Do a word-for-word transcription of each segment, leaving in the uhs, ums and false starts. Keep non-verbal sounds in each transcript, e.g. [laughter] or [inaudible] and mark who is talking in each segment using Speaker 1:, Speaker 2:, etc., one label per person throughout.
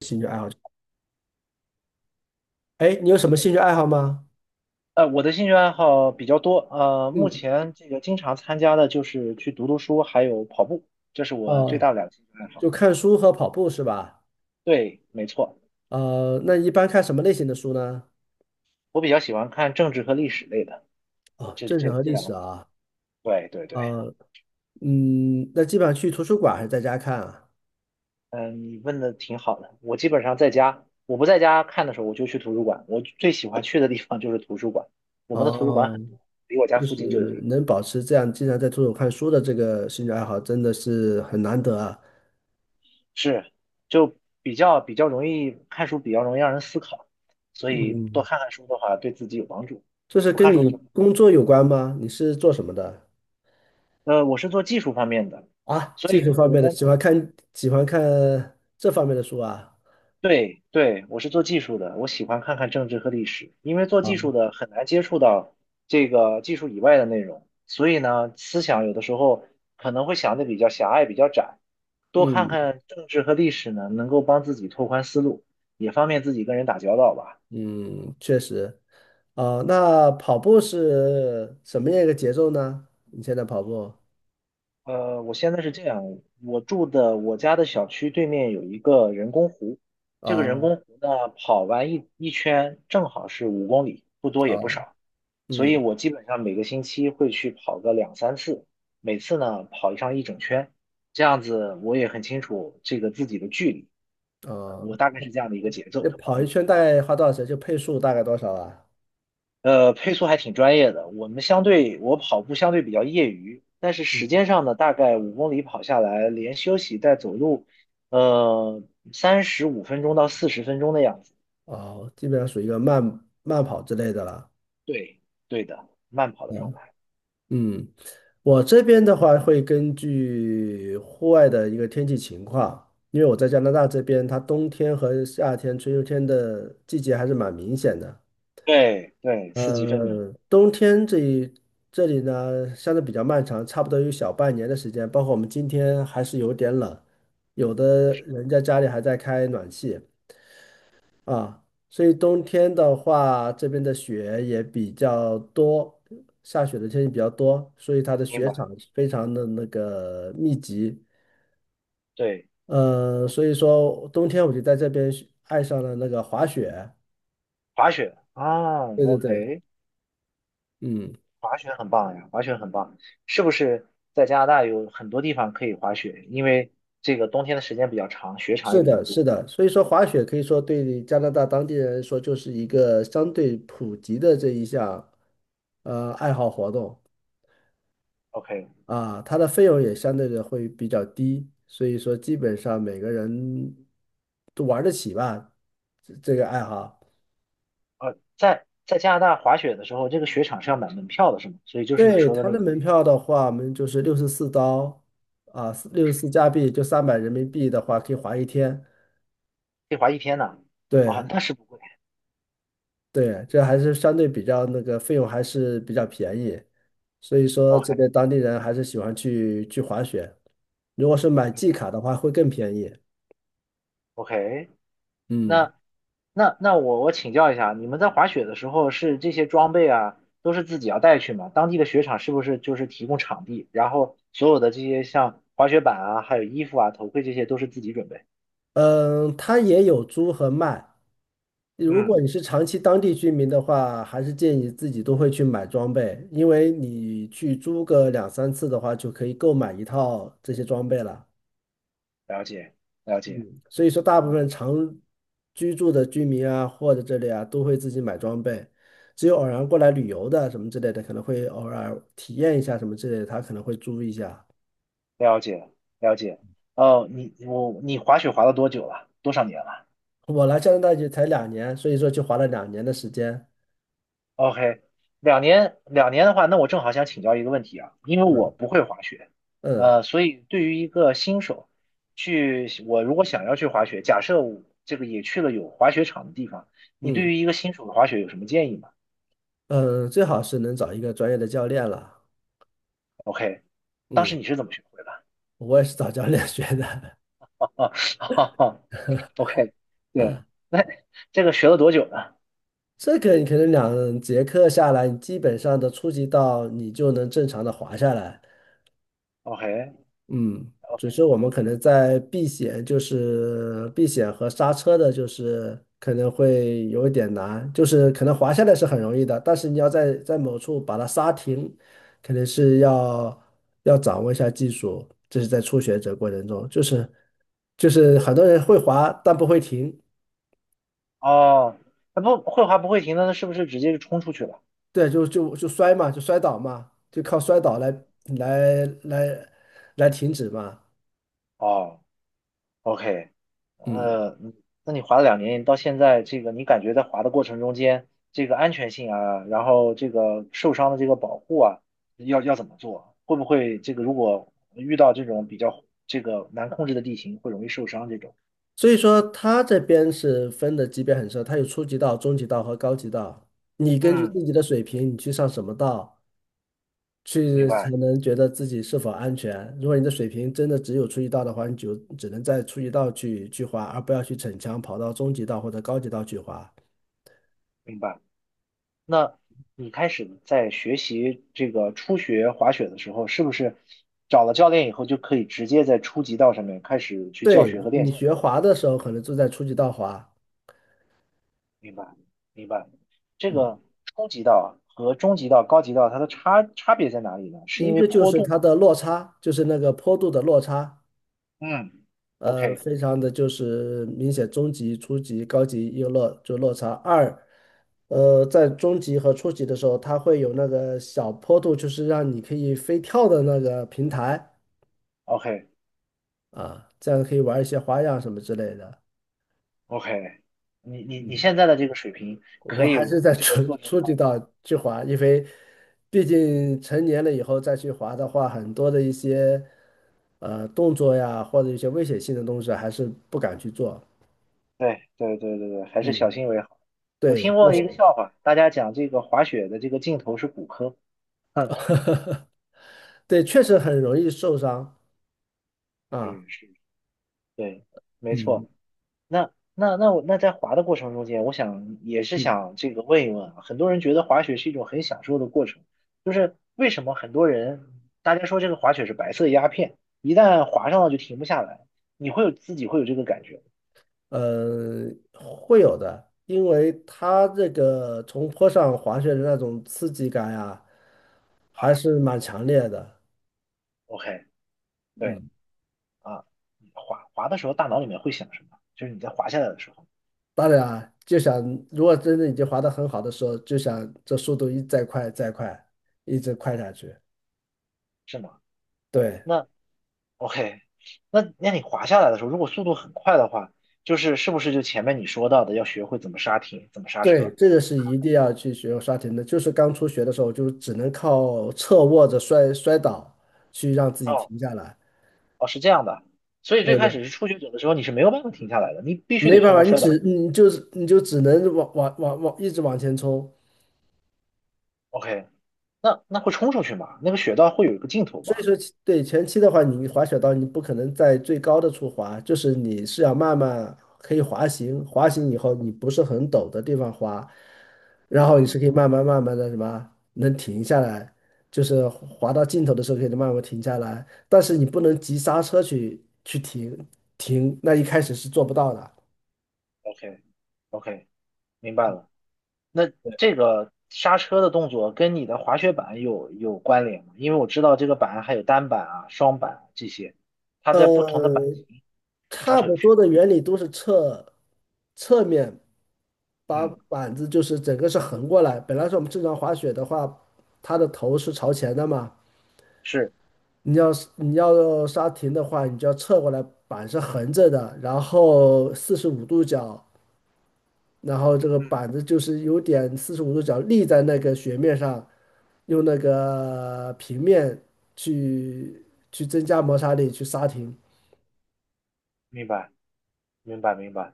Speaker 1: 兴趣爱好。哎，你有什么兴趣爱好吗？
Speaker 2: 呃，我的兴趣爱好比较多，呃，目
Speaker 1: 嗯，
Speaker 2: 前这个经常参加的就是去读读书，还有跑步，这是我最大
Speaker 1: 哦，
Speaker 2: 的两个兴趣爱好。
Speaker 1: 就看书和跑步是吧？
Speaker 2: 对，没错，
Speaker 1: 呃，那一般看什么类型的书呢？
Speaker 2: 我比较喜欢看政治和历史类的，
Speaker 1: 哦，
Speaker 2: 这
Speaker 1: 政治
Speaker 2: 这
Speaker 1: 和
Speaker 2: 这
Speaker 1: 历
Speaker 2: 两
Speaker 1: 史
Speaker 2: 个。
Speaker 1: 啊。
Speaker 2: 对对对，
Speaker 1: 呃，嗯，那基本上去图书馆还是在家看啊？
Speaker 2: 嗯，你问的挺好的。我基本上在家，我不在家看的时候，我就去图书馆。我最喜欢去的地方就是图书馆，我们的图书馆
Speaker 1: 哦，
Speaker 2: 很多，离我家
Speaker 1: 就
Speaker 2: 附近就有
Speaker 1: 是
Speaker 2: 一个。
Speaker 1: 能保持这样经常在图书馆看书的这个兴趣爱好，真的是很难得啊。
Speaker 2: 是，就比较比较容易看书，比较容易让人思考，所以多
Speaker 1: 嗯，
Speaker 2: 看看书的话，对自己有帮助。
Speaker 1: 这是
Speaker 2: 我
Speaker 1: 跟
Speaker 2: 看书
Speaker 1: 你
Speaker 2: 的时候，
Speaker 1: 工作有关吗？你是做什么的？
Speaker 2: 呃，我是做技术方面的，
Speaker 1: 啊，
Speaker 2: 所
Speaker 1: 技
Speaker 2: 以
Speaker 1: 术
Speaker 2: 跟
Speaker 1: 方
Speaker 2: 我的
Speaker 1: 面的，
Speaker 2: 工
Speaker 1: 喜欢
Speaker 2: 作，
Speaker 1: 看喜欢看这方面的书啊。
Speaker 2: 对对，我是做技术的，我喜欢看看政治和历史，因为做技
Speaker 1: 啊，
Speaker 2: 术的很难接触到这个技术以外的内容，所以呢，思想有的时候可能会想的比较狭隘，比较窄，多看
Speaker 1: 嗯。
Speaker 2: 看政治和历史呢，能够帮自己拓宽思路，也方便自己跟人打交道吧。
Speaker 1: 嗯，确实啊，那跑步是什么样一个节奏呢？你现在跑步
Speaker 2: 呃，我现在是这样，我住的我家的小区对面有一个人工湖，这个人
Speaker 1: 啊
Speaker 2: 工湖呢，跑完一一圈正好是五公里，不多
Speaker 1: 啊，
Speaker 2: 也不少，所以
Speaker 1: 嗯
Speaker 2: 我基本上每个星期会去跑个两三次，每次呢跑上一整圈，这样子我也很清楚这个自己的距离，呃，我
Speaker 1: 啊，
Speaker 2: 大概是这样的一个节奏。
Speaker 1: 那跑一圈大概花多少时间？就配速大概多少啊？
Speaker 2: 呃，配速还挺专业的。我们相对，我跑步相对比较业余，但是时间上呢，大概五公里跑下来，连休息带走路，呃，三十五分钟到四十分钟的样子。
Speaker 1: 哦，基本上属于一个慢慢跑之类的了。
Speaker 2: 对，对的，慢跑的状态。
Speaker 1: 嗯，我这边的话会根据户外的一个天气情况，因为我在加拿大这边，它冬天和夏天、春秋天的季节还是蛮明显的。
Speaker 2: 对对，四级分明，
Speaker 1: 呃，冬天这一这里呢，相对比较漫长，差不多有小半年的时间。包括我们今天还是有点冷，有的人家家里还在开暖气啊。所以冬天的话，这边的雪也比较多，下雪的天气比较多，所以它的
Speaker 2: 明
Speaker 1: 雪
Speaker 2: 白。
Speaker 1: 场非常的那个密集。
Speaker 2: 对，
Speaker 1: 呃，所以说冬天我就在这边学爱上了那个滑雪。
Speaker 2: 滑雪啊
Speaker 1: 对对对，
Speaker 2: ，OK，
Speaker 1: 嗯。
Speaker 2: 滑雪很棒呀，滑雪很棒。是不是在加拿大有很多地方可以滑雪？因为这个冬天的时间比较长，雪场也
Speaker 1: 是
Speaker 2: 比较
Speaker 1: 的，是
Speaker 2: 多。
Speaker 1: 的，所以说滑雪可以说对加拿大当地人来说就是一个相对普及的这一项呃爱好活动
Speaker 2: OK，
Speaker 1: 啊，它的费用也相对的会比较低，所以说基本上每个人都玩得起吧，这这个爱好。
Speaker 2: 呃，在在加拿大滑雪的时候，这个雪场是要买门票的，是吗？所以就是你
Speaker 1: 对，
Speaker 2: 说的
Speaker 1: 它
Speaker 2: 那
Speaker 1: 的
Speaker 2: 个
Speaker 1: 门
Speaker 2: 费用，
Speaker 1: 票的话，我们就是六十四刀啊，
Speaker 2: 就
Speaker 1: 六十
Speaker 2: 是
Speaker 1: 四加币就三百人民币的话，可以滑一天。
Speaker 2: 可以滑一天呢。
Speaker 1: 对，
Speaker 2: 啊，那是不贵。
Speaker 1: 对，这还是相对比较那个费用还是比较便宜，所以说这
Speaker 2: OK，
Speaker 1: 边当地人还是喜欢去去滑雪。如果是买
Speaker 2: 明
Speaker 1: 季
Speaker 2: 白。
Speaker 1: 卡的话，会更便宜。
Speaker 2: OK，
Speaker 1: 嗯
Speaker 2: 那那那我我请教一下，你们在滑雪的时候是这些装备啊，都是自己要带去吗？当地的雪场是不是就是提供场地，然后所有的这些像滑雪板啊，还有衣服啊、头盔这些都是自己准备？
Speaker 1: 嗯，它也有租和卖。如
Speaker 2: 嗯，
Speaker 1: 果你是长期当地居民的话，还是建议自己都会去买装备，因为你去租个两三次的话，就可以购买一套这些装备了。
Speaker 2: 了解，了解，
Speaker 1: 嗯，所以说大部
Speaker 2: 嗯，
Speaker 1: 分常居住的居民啊，或者这里啊，都会自己买装备。只有偶然过来旅游的什么之类的，可能会偶尔体验一下什么之类的，他可能会租一下。
Speaker 2: 了解，了解。哦，你我你滑雪滑了多久了？多少年了？
Speaker 1: 我来加拿大就才两年，所以说就花了两年的时间。
Speaker 2: OK。两年两年的话，那我正好想请教一个问题啊，因为我不会滑雪，
Speaker 1: 嗯
Speaker 2: 呃，所以对于一个新手，去我如果想要去滑雪，假设我这个也去了有滑雪场的地方，你对
Speaker 1: 嗯
Speaker 2: 于一个新手的滑雪有什么建议吗
Speaker 1: 嗯，最好是能找一个专业的教练了。
Speaker 2: ？OK，当
Speaker 1: 嗯，
Speaker 2: 时你是怎么学会的？
Speaker 1: 我也是找教练 [laughs] 学的。
Speaker 2: [laughs] 哈哈。 o k。 对，那这个学了多久呢
Speaker 1: 这个你可能两节课下来，你基本上的初级道你就能正常的滑下来。
Speaker 2: ？OK。
Speaker 1: 嗯，
Speaker 2: OK，
Speaker 1: 只是我们可能在避险，就是避险和刹车的，就是可能会有一点难，就是可能滑下来是很容易的，但是你要在在某处把它刹停，可能是要要掌握一下技术，这是在初学者过程中，就是就是很多人会滑，但不会停，
Speaker 2: 哦，那不会滑不会停的，那是不是直接就冲出去了？
Speaker 1: 对，就就就摔嘛，就摔倒嘛，就靠摔倒来来来来停止嘛，
Speaker 2: 哦，OK。
Speaker 1: 嗯
Speaker 2: 呃，嗯那你滑了两年，到现在这个你感觉在滑的过程中间，这个安全性啊，然后这个受伤的这个保护啊，要要怎么做？会不会这个如果遇到这种比较这个难控制的地形，会容易受伤这种？
Speaker 1: 所以说他这边是分的级别很深，它有初级道、中级道和高级道。你根据自
Speaker 2: 嗯，
Speaker 1: 己的水平，你去上什么道，
Speaker 2: 明
Speaker 1: 去才
Speaker 2: 白
Speaker 1: 能觉得自己是否安全。如果你的水平真的只有初级道的话，你就只能在初级道去去滑，而不要去逞强跑到中级道或者高级道去滑。
Speaker 2: 明白。那你开始在学习这个初学滑雪的时候，是不是找了教练以后就可以直接在初级道上面开始去教
Speaker 1: 对，
Speaker 2: 学和练
Speaker 1: 你
Speaker 2: 习？
Speaker 1: 学滑的时候，可能就在初级道滑，
Speaker 2: 明白，明白。这个初级道和中级道、高级道，它的差差别在哪里呢？是
Speaker 1: 一
Speaker 2: 因为
Speaker 1: 个就
Speaker 2: 坡
Speaker 1: 是
Speaker 2: 度
Speaker 1: 它
Speaker 2: 吗？
Speaker 1: 的落差，就是那个坡度的落差，
Speaker 2: 嗯
Speaker 1: 呃，非常的就是明显，中级、初级、高级有落就落差。二，呃，在中级和初级的时候，它会有那个小坡度，就是让你可以飞跳的那个平台
Speaker 2: ，OK，OK，OK。
Speaker 1: 啊，这样可以玩一些花样什么之类的。
Speaker 2: 你你你
Speaker 1: 嗯，
Speaker 2: 现在的这个水平
Speaker 1: 我
Speaker 2: 可
Speaker 1: 还
Speaker 2: 以
Speaker 1: 是在
Speaker 2: 这个
Speaker 1: 初
Speaker 2: 做这种
Speaker 1: 初
Speaker 2: 花
Speaker 1: 级
Speaker 2: 法。
Speaker 1: 道去滑，因为毕竟成年了以后再去滑的话，很多的一些呃动作呀，或者一些危险性的东西，还是不敢去做。
Speaker 2: 对对对对对，还是小
Speaker 1: 嗯，
Speaker 2: 心为好。我
Speaker 1: 对。
Speaker 2: 听过一个笑话，大家讲这个滑雪的这个尽头是骨科。[laughs] 哼，
Speaker 1: [laughs] 对，确实很容易受伤啊，
Speaker 2: 是是，对，没
Speaker 1: 嗯
Speaker 2: 错。那那那我那在滑的过程中间，我想也是
Speaker 1: 嗯
Speaker 2: 想这个问一问啊，很多人觉得滑雪是一种很享受的过程，就是为什么很多人大家说这个滑雪是白色鸦片，一旦滑上了就停不下来，你会有自己会有这个感觉。
Speaker 1: 呃，会有的，因为它这个从坡上滑雪的那种刺激感呀，还是蛮强烈的。
Speaker 2: OK，对
Speaker 1: 嗯，
Speaker 2: 啊，你滑滑的时候大脑里面会想什么？就是你在滑下来的时候，
Speaker 1: 当然啊，就想如果真的已经滑得很好的时候，就想这速度一再快再快，一直快下去。
Speaker 2: 是吗？
Speaker 1: 对
Speaker 2: 那 OK，那那你滑下来的时候，如果速度很快的话，就是是不是就前面你说到的要学会怎么刹停、怎么刹
Speaker 1: 对，
Speaker 2: 车？
Speaker 1: 这个是一定要去学刷停的。就是刚初学的时候，就只能靠侧卧着摔摔倒去让自己
Speaker 2: 哦。
Speaker 1: 停下来。
Speaker 2: 哦，是这样的，所以最
Speaker 1: 对
Speaker 2: 开
Speaker 1: 对
Speaker 2: 始是初学者的时候，你是没有办法停下来的，你必须
Speaker 1: 没
Speaker 2: 得
Speaker 1: 办
Speaker 2: 通
Speaker 1: 法，
Speaker 2: 过
Speaker 1: 你
Speaker 2: 摔倒。
Speaker 1: 只你就是你就只能往往往往一直往前冲。
Speaker 2: OK，那那会冲出去吗？那个雪道会有一个尽头
Speaker 1: 所以
Speaker 2: 吧？
Speaker 1: 说其对前期的话，你滑雪道你不可能在最高的处滑，就是你是要慢慢可以滑行，滑行以后你不是很陡的地方滑，然后你
Speaker 2: 嗯
Speaker 1: 是可以慢慢慢慢的什么能停下来，就是滑到尽头的时候可以慢慢停下来，但是你不能急刹车去去停停，那一开始是做不到的。
Speaker 2: ，OK， OK，明白了。那这个刹车的动作跟你的滑雪板有有关联吗？因为我知道这个板还有单板啊、双板啊这些，它在不同的板
Speaker 1: 呃，
Speaker 2: 型刹
Speaker 1: 差
Speaker 2: 车有
Speaker 1: 不
Speaker 2: 区
Speaker 1: 多
Speaker 2: 别。
Speaker 1: 的原理都是侧侧面。把
Speaker 2: 嗯，
Speaker 1: 板子就是整个是横过来。本来是我们正常滑雪的话，它的头是朝前的嘛，
Speaker 2: 是，
Speaker 1: 你要是你要刹停的话，你就要侧过来，板是横着的，然后四十五度角，然后这个
Speaker 2: 嗯，
Speaker 1: 板子就是有点四十五度角立在那个雪面上，用那个平面去去增加摩擦力去刹停。
Speaker 2: 明白明白明白。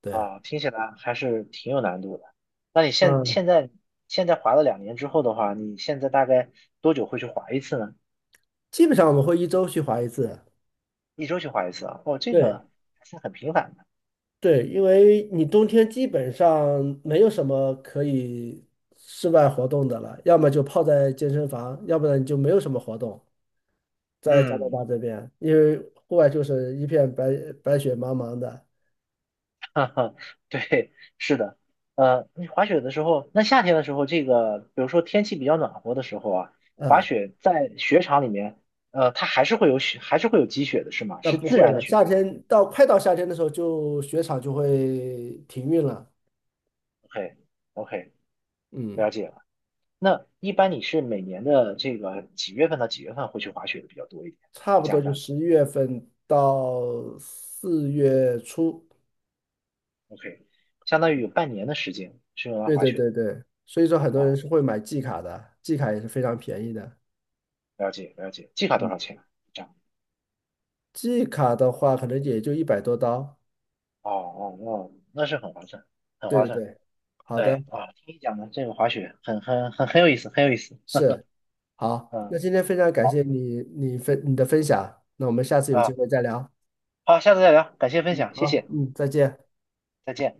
Speaker 1: 对，
Speaker 2: 啊，听起来还是挺有难度的。那你现
Speaker 1: 嗯，
Speaker 2: 现在现在滑了两年之后的话，你现在大概多久会去滑一次呢？
Speaker 1: 基本上我们会一周去滑一次。
Speaker 2: 一周去滑一次啊？哦，这
Speaker 1: 对。
Speaker 2: 个还是很频繁的。
Speaker 1: 对，因为你冬天基本上没有什么可以室外活动的了，要么就泡在健身房，要不然你就没有什么活动。在加拿
Speaker 2: 嗯，
Speaker 1: 大这边，因为户外就是一片白白雪茫茫的，
Speaker 2: [laughs] 哈哈，对，是的。呃，你滑雪的时候，那夏天的时候，这个比如说天气比较暖和的时候啊，滑
Speaker 1: 嗯，
Speaker 2: 雪在雪场里面，呃，它还是会有雪，还是会有积雪的，是吗？
Speaker 1: 那
Speaker 2: 是
Speaker 1: 不
Speaker 2: 自
Speaker 1: 会
Speaker 2: 然的
Speaker 1: 了。
Speaker 2: 雪
Speaker 1: 夏
Speaker 2: 还是
Speaker 1: 天到快到夏天的时候就，雪场就会停运了，
Speaker 2: ？OK，OK，
Speaker 1: 嗯，
Speaker 2: 了解。那一般你是每年的这个几月份到几月份会去滑雪的比较多一点？
Speaker 1: 差
Speaker 2: 在
Speaker 1: 不
Speaker 2: 加
Speaker 1: 多
Speaker 2: 拿
Speaker 1: 就
Speaker 2: 大
Speaker 1: 十一月份到四月初。
Speaker 2: ，OK，相当于有半年的时间是用来
Speaker 1: 对
Speaker 2: 滑
Speaker 1: 对
Speaker 2: 雪的
Speaker 1: 对对，所以说很多人
Speaker 2: 啊。
Speaker 1: 是会买季卡的，季卡也是非常便宜的。
Speaker 2: 了解了解，季卡多少
Speaker 1: 嗯。
Speaker 2: 钱？这样
Speaker 1: 季卡的话，可能也就一百多刀。
Speaker 2: 哦哦哦，那是很划算，很
Speaker 1: 对
Speaker 2: 划
Speaker 1: 对
Speaker 2: 算。
Speaker 1: 对，好的，
Speaker 2: 对啊，听你讲的这个滑雪很很很很有意思，很有意思。
Speaker 1: 是好。
Speaker 2: 嗯
Speaker 1: 那今天非常感谢你，你分你的分享。那我们下次有机
Speaker 2: 啊，
Speaker 1: 会再聊。
Speaker 2: 好，下次再聊，感谢分享，谢
Speaker 1: 好，
Speaker 2: 谢，
Speaker 1: 嗯，再见。
Speaker 2: 再见。